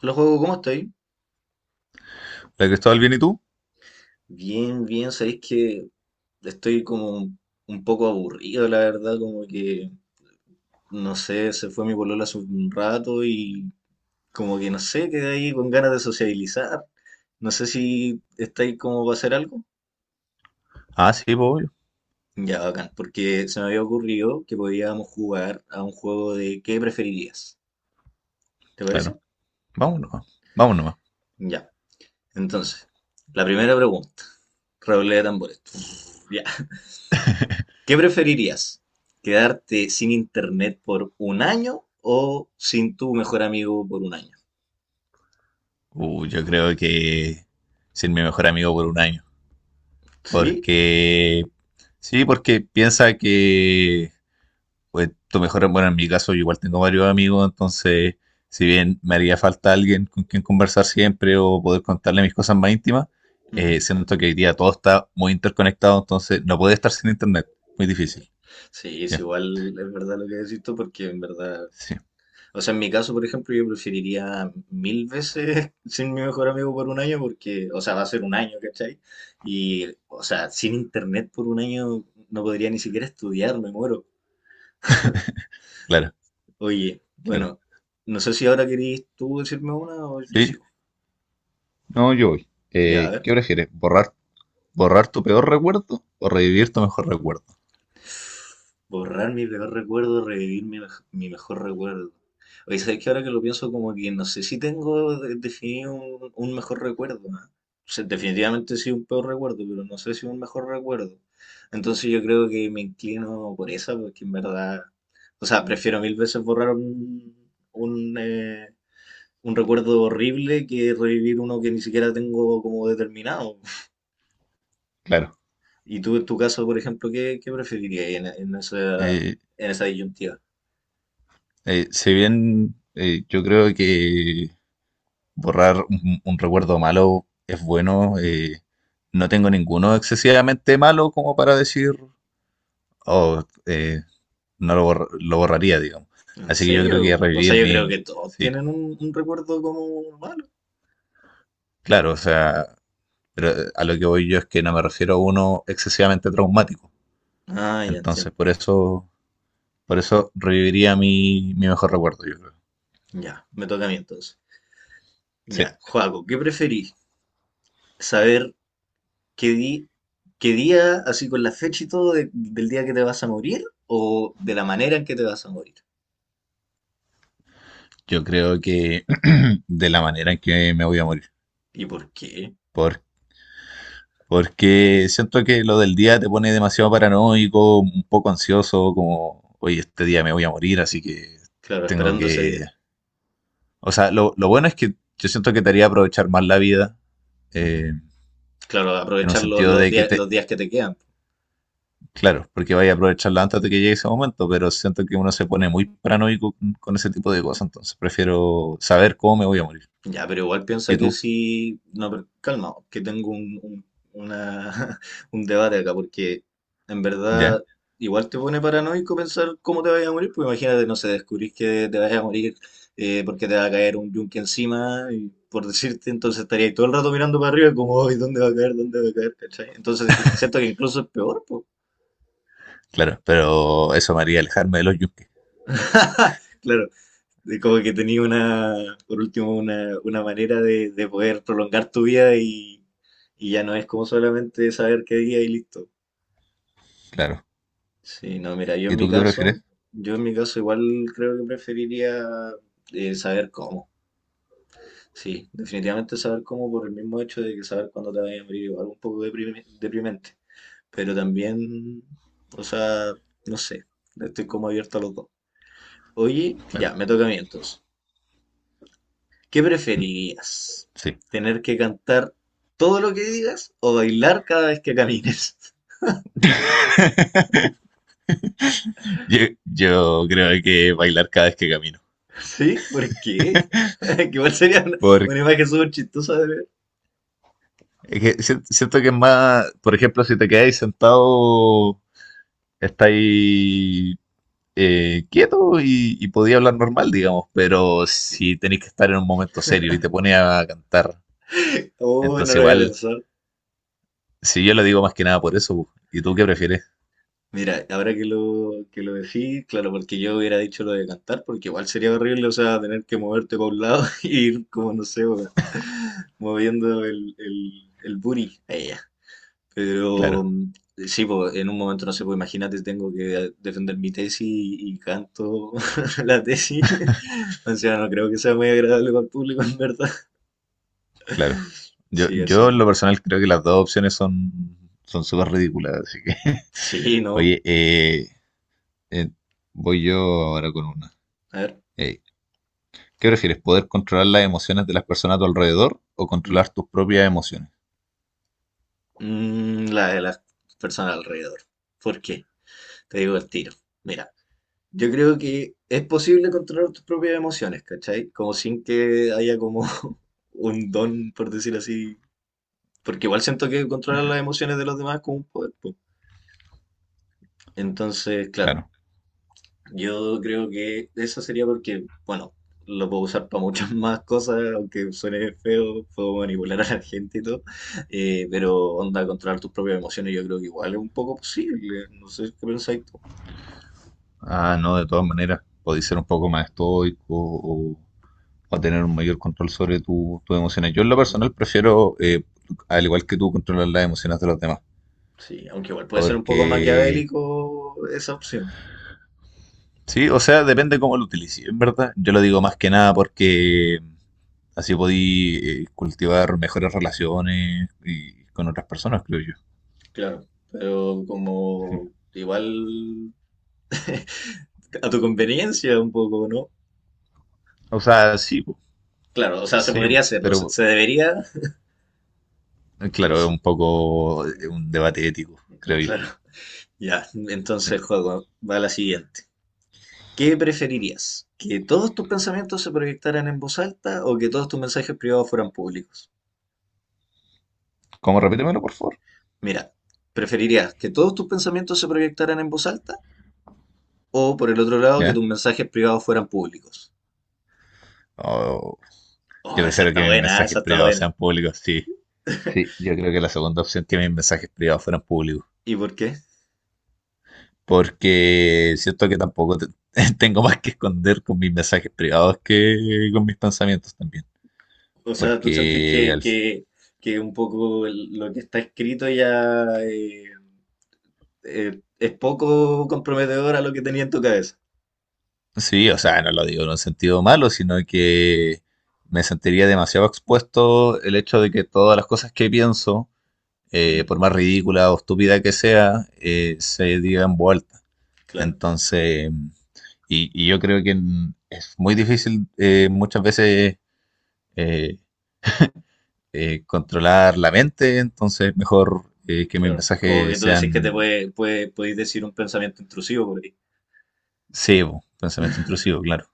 Hola, juego, ¿cómo estoy? ¿La Cristóbal bien y tú? Bien, bien, sabéis que estoy como un poco aburrido, la verdad, como que, no sé, se fue mi polola hace un rato y como que, no sé, quedé ahí con ganas de sociabilizar. No sé si estáis como para hacer algo. Ah, sí, pues, Ya, bacán, porque se me había ocurrido que podíamos jugar a un juego de ¿qué preferirías? ¿Te parece? claro. Vamos nomás, vamos nomás. Ya. Entonces, la primera pregunta. Redoble de tambores. Ya. ¿Qué preferirías? ¿Quedarte sin internet por un año o sin tu mejor amigo por un año? Yo creo que ser mi mejor amigo por un año. Sí. Porque, sí, porque piensa que, pues, tu mejor, bueno, en mi caso, yo igual tengo varios amigos, entonces, si bien me haría falta alguien con quien conversar siempre o poder contarle mis cosas más íntimas, Ujú. siento que hoy día todo está muy interconectado, entonces no puede estar sin internet. Muy difícil. Sí, es Ya, igual, es verdad lo que decís tú, porque en verdad, sí, o sea, en mi caso, por ejemplo, yo preferiría mil veces sin mi mejor amigo por un año, porque, o sea, va a ser un año, ¿cachai? Y, o sea, sin internet por un año no podría ni siquiera estudiar, me muero. claro, Oye, claro. bueno, no sé si ahora querís tú decirme una o yo Sí, sigo. no, yo voy. Ya, a ver. ¿Qué prefieres? ¿Borrar tu peor recuerdo o revivir tu mejor recuerdo? Borrar mi peor recuerdo, revivir mi, mi mejor recuerdo. Oye, ¿sabes que ahora que lo pienso, como que no sé si tengo definido un mejor recuerdo, ¿no? O sea, definitivamente sí un peor recuerdo, pero no sé si un mejor recuerdo. Entonces yo creo que me inclino por esa, porque en verdad, o sea, prefiero mil veces borrar un, un, eh, un recuerdo horrible que revivir uno que ni siquiera tengo como determinado. Claro. Y tú, en tu caso, por ejemplo, ¿qué, qué preferirías Eh, en esa disyuntiva? Si bien yo creo que borrar un recuerdo malo es bueno, no tengo ninguno excesivamente malo como para decir, oh, no lo, lo borraría, digamos. ¿En Así que yo creo que serio? O revivir sea, yo creo que mi... todos Sí, tienen un recuerdo como malo. claro, o sea, pero a lo que voy yo es que no me refiero a uno excesivamente traumático. Ah, ya Entonces, entiendo. Por eso reviviría mi mejor recuerdo, yo creo. Ya, me toca a mí entonces. Ya, Sí. Joaco, ¿qué preferís? ¿Saber qué, di- qué día, así con la fecha y todo, del día que te vas a morir o de la manera en que te vas a morir? Yo creo que de la manera en que me voy a morir. ¿Y por qué? Por, porque siento que lo del día te pone demasiado paranoico, un poco ansioso, como, oye, este día me voy a morir, así que Claro, tengo esperando ese día. que... O sea, lo bueno es que yo siento que te haría aprovechar más la vida, Ujú. eh, Claro, en un aprovechar sentido de que te... los días que te quedan. Claro, porque vaya a aprovecharla antes de que llegue ese momento, pero siento que uno se pone muy paranoico con ese tipo de cosas, entonces prefiero saber cómo me voy a morir. Ya, pero igual piensa ¿Y que tú? si... No, pero calma, que tengo una- un debate acá, porque en verdad ¿Ya? igual te pone paranoico pensar cómo te vayas a morir, pues imagínate, no sé, descubrís que te vayas a morir porque te va a caer un yunque encima, y por decirte, entonces estaría ahí todo el rato mirando para arriba como, "Ay, ¿dónde va a caer? ¿Dónde va a caer? ¿Cachai?" Entonces, y siento que incluso es peor, pues. Claro, pero eso me haría alejarme de los yunques. Claro. De como que tenía una, por último, una manera de poder prolongar tu vida y ya no es como solamente saber qué día y listo. Claro. Sí, no, mira, yo en ¿Y mi tú qué caso, prefieres? yo en mi caso igual creo que preferiría saber cómo. Sí, definitivamente saber cómo por el mismo hecho de que saber cuándo te vayas a morir igual un poco deprimente. Pero también, o sea, no sé, estoy como abierto a los dos. Oye, Claro. ya, me toca a mí entonces. ¿Qué preferirías? Sí. ¿Tener que cantar todo lo que digas o bailar cada vez que camines? Yo, yo creo que bailar cada vez que camino. ¿Sí? ¿Por qué? Que igual sería Porque una imagen súper chistosa de ver. es que siento que es más, por ejemplo, si te quedáis sentado, estáis quieto y podía hablar normal, digamos, pero si tenéis que estar en un momento serio y te pones a cantar, Oh, no entonces lo había igual, pensado. si yo lo digo más que nada por eso, bu. ¿Y tú qué prefieres? Mira, ahora que que lo decís, claro, porque yo hubiera dicho lo de cantar, porque igual sería horrible, o sea, tener que moverte para un lado y ir como, no sé, weón, moviendo el booty. Ahí ya. Pero Claro, sí, pues en un momento no sé, pues imagínate, tengo que defender mi tesis y canto la tesis. O sea, no creo que sea muy agradable para el público, en verdad. claro. Yo, Sí, así yo en que. lo personal creo que las dos opciones son son súper ridículas, así que... Sí, no. Oye, Eh, voy yo ahora con una. A ver. Eh, ¿Qué prefieres? ¿Poder controlar las emociones de las personas a tu alrededor o mi- controlar tus propias emociones? La de las personas alrededor. ¿Por qué? Te digo el tiro. Mira, yo creo que es posible controlar tus propias emociones, ¿cachai? Como sin que haya como un don, por decir así. Porque igual siento que controlar las emociones de los demás es como un poder, po. Entonces, claro, Claro. yo creo que eso sería porque, bueno, lo puedo usar para muchas más cosas, aunque suene feo, puedo manipular a la gente y todo, pero onda, controlar tus propias emociones yo creo que igual es un poco posible, no sé qué pensáis tú. Ah, no, de todas maneras. Podéis ser un poco más estoico o tener un mayor control sobre tus emociones. Yo en lo personal prefiero, al igual que tú, controlar las emociones de los demás. Sí, aunque igual puede ser un poco Porque... maquiavélico esa opción, Sí, o sea, depende cómo lo utilices, en verdad. Yo lo digo más que nada porque así podí cultivar mejores relaciones con otras personas, creo yo. claro, pero Sí. como igual a tu conveniencia un poco, ¿no? O sea, Claro, o sea, se sí, podría po, hacer, no sé, pero se debería, no claro, es sé, un poco un debate ético, creo yo. claro. Ya, Ya. entonces, juego, va la siguiente. ¿Qué preferirías? ¿Que todos tus pensamientos se proyectaran en voz alta o que todos tus mensajes privados fueran públicos? ¿Cómo? Repítemelo, por favor. Mira, ¿preferirías que todos tus pensamientos se proyectaran en voz alta o por el otro lado que ¿Ya? tus mensajes privados fueran públicos? Oh, yo Oh, esa prefiero está que mis buena, mensajes esa está privados sean buena. públicos, sí. Sí, yo creo que la segunda opción que mis mensajes privados fueran públicos. ¿Y por qué? Porque siento que tampoco tengo más que esconder con mis mensajes privados que con mis pensamientos también. O sea, ¿tú sentís Porque al, que un poco lo que está escrito ya es poco comprometedor a lo que tenía en tu cabeza? Sí, o sea, no lo digo en un sentido malo, sino que me sentiría demasiado expuesto el hecho de que todas las cosas que pienso, Mm, por más ridícula o estúpida que sea, se digan vuelta. claro. Entonces, y yo creo que es muy difícil muchas veces eh, controlar la mente, entonces mejor que mis Claro, como que mensajes tú decís que te sean podéis decir un pensamiento intrusivo por ahí. cebo, pensamiento intrusivo, claro.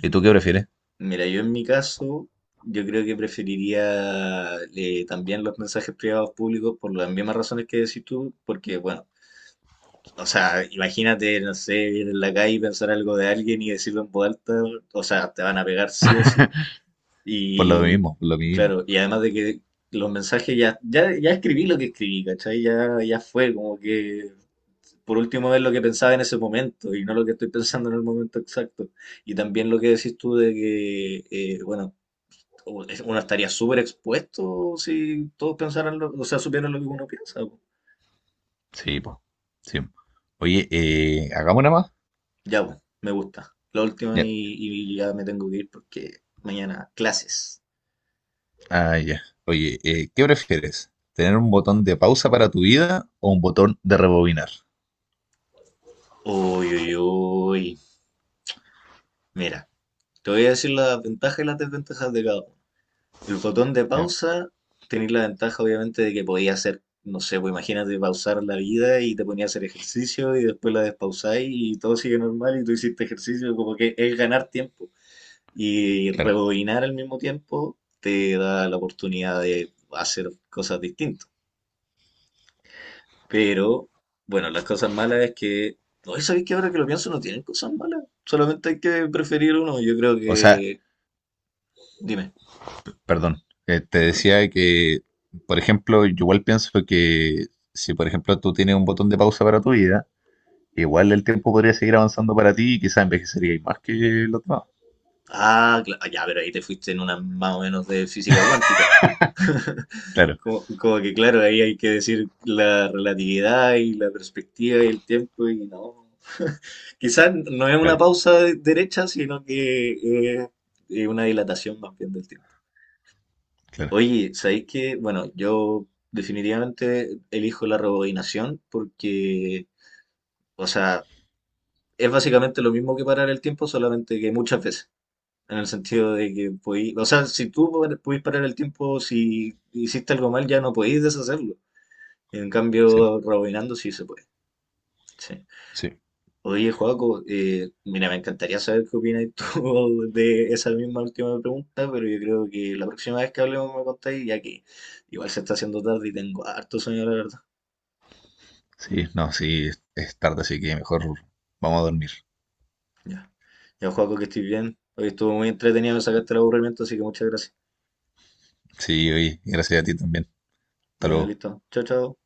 ¿Y tú qué prefieres? Mira, yo en mi caso, yo creo que preferiría también los mensajes privados públicos por las mismas razones que decís tú, porque, bueno, o sea, imagínate, no sé, ir en la calle y pensar algo de alguien y decirlo en voz alta, o sea, te van a pegar sí o sí. Por lo Y, mismo, por lo mismo. claro, y además de que los mensajes ya escribí lo que escribí, ¿cachai? Ya, ya fue, como que por último ver lo que pensaba en ese momento y no lo que estoy pensando en el momento exacto. Y también lo que decís tú de que, bueno, uno estaría súper expuesto si todos pensaran, o sea, supieran lo que uno piensa, po. Sí, pues. Sí. Oye, hagamos una más. Ya, po, me gusta. La última Ya. Y ya me tengo que ir porque mañana clases. Ah, ya. Oye, ¿qué prefieres? ¿Tener un botón de pausa para tu vida o un botón de rebobinar? Uy, uy, uy. Mira, te voy a decir las ventajas y las desventajas de cada uno. El botón de Ya, pausa, tenéis la ventaja obviamente de que podéis hacer, no sé, pues imagínate pausar la vida y te ponía a hacer ejercicio y después la despausáis y todo sigue normal y tú hiciste ejercicio, como que es ganar tiempo. Y claro. rebobinar al mismo tiempo te da la oportunidad de hacer cosas distintas. Pero, bueno, las cosas malas es que, no, ¿sabéis que ahora que lo pienso no tienen cosas malas? Solamente hay que preferir uno, yo creo O sea, que... Dime. perdón. Te decía que, por ejemplo, yo igual pienso que si, por ejemplo, tú tienes un botón de pausa para tu vida, igual el tiempo podría seguir avanzando para ti y quizás envejecerías más que los demás. Ah, ya, pero ahí te fuiste en una más o menos de física cuántica. Claro, Como, como que claro, ahí hay que decir la relatividad y la perspectiva y el tiempo y no. Quizás no es una claro, pausa derecha, sino que es una dilatación más bien del tiempo. claro. Oye, ¿sabéis que, bueno, yo definitivamente elijo la rebobinación porque, o sea, es básicamente lo mismo que parar el tiempo, solamente que muchas veces. En el sentido de que podí, o sea, si tú podís parar el tiempo, si hiciste algo mal, ya no podís deshacerlo. En Sí, cambio, rebobinando sí se puede. Sí. sí. Oye, Joaco, mira, me encantaría saber qué opinas tú de esa misma última pregunta, pero yo creo que la próxima vez que hablemos me contáis, ya que igual se está haciendo tarde y tengo harto sueño, la verdad. Sí, no, sí, es tarde, así que mejor vamos a dormir. Ya, ya, Joaco, que estés bien. Hoy estuvo muy entretenido, me sacaste el aburrimiento, así que muchas gracias. Sí, oye, gracias a ti también. Hasta Ya, luego. listo. Chao, chao.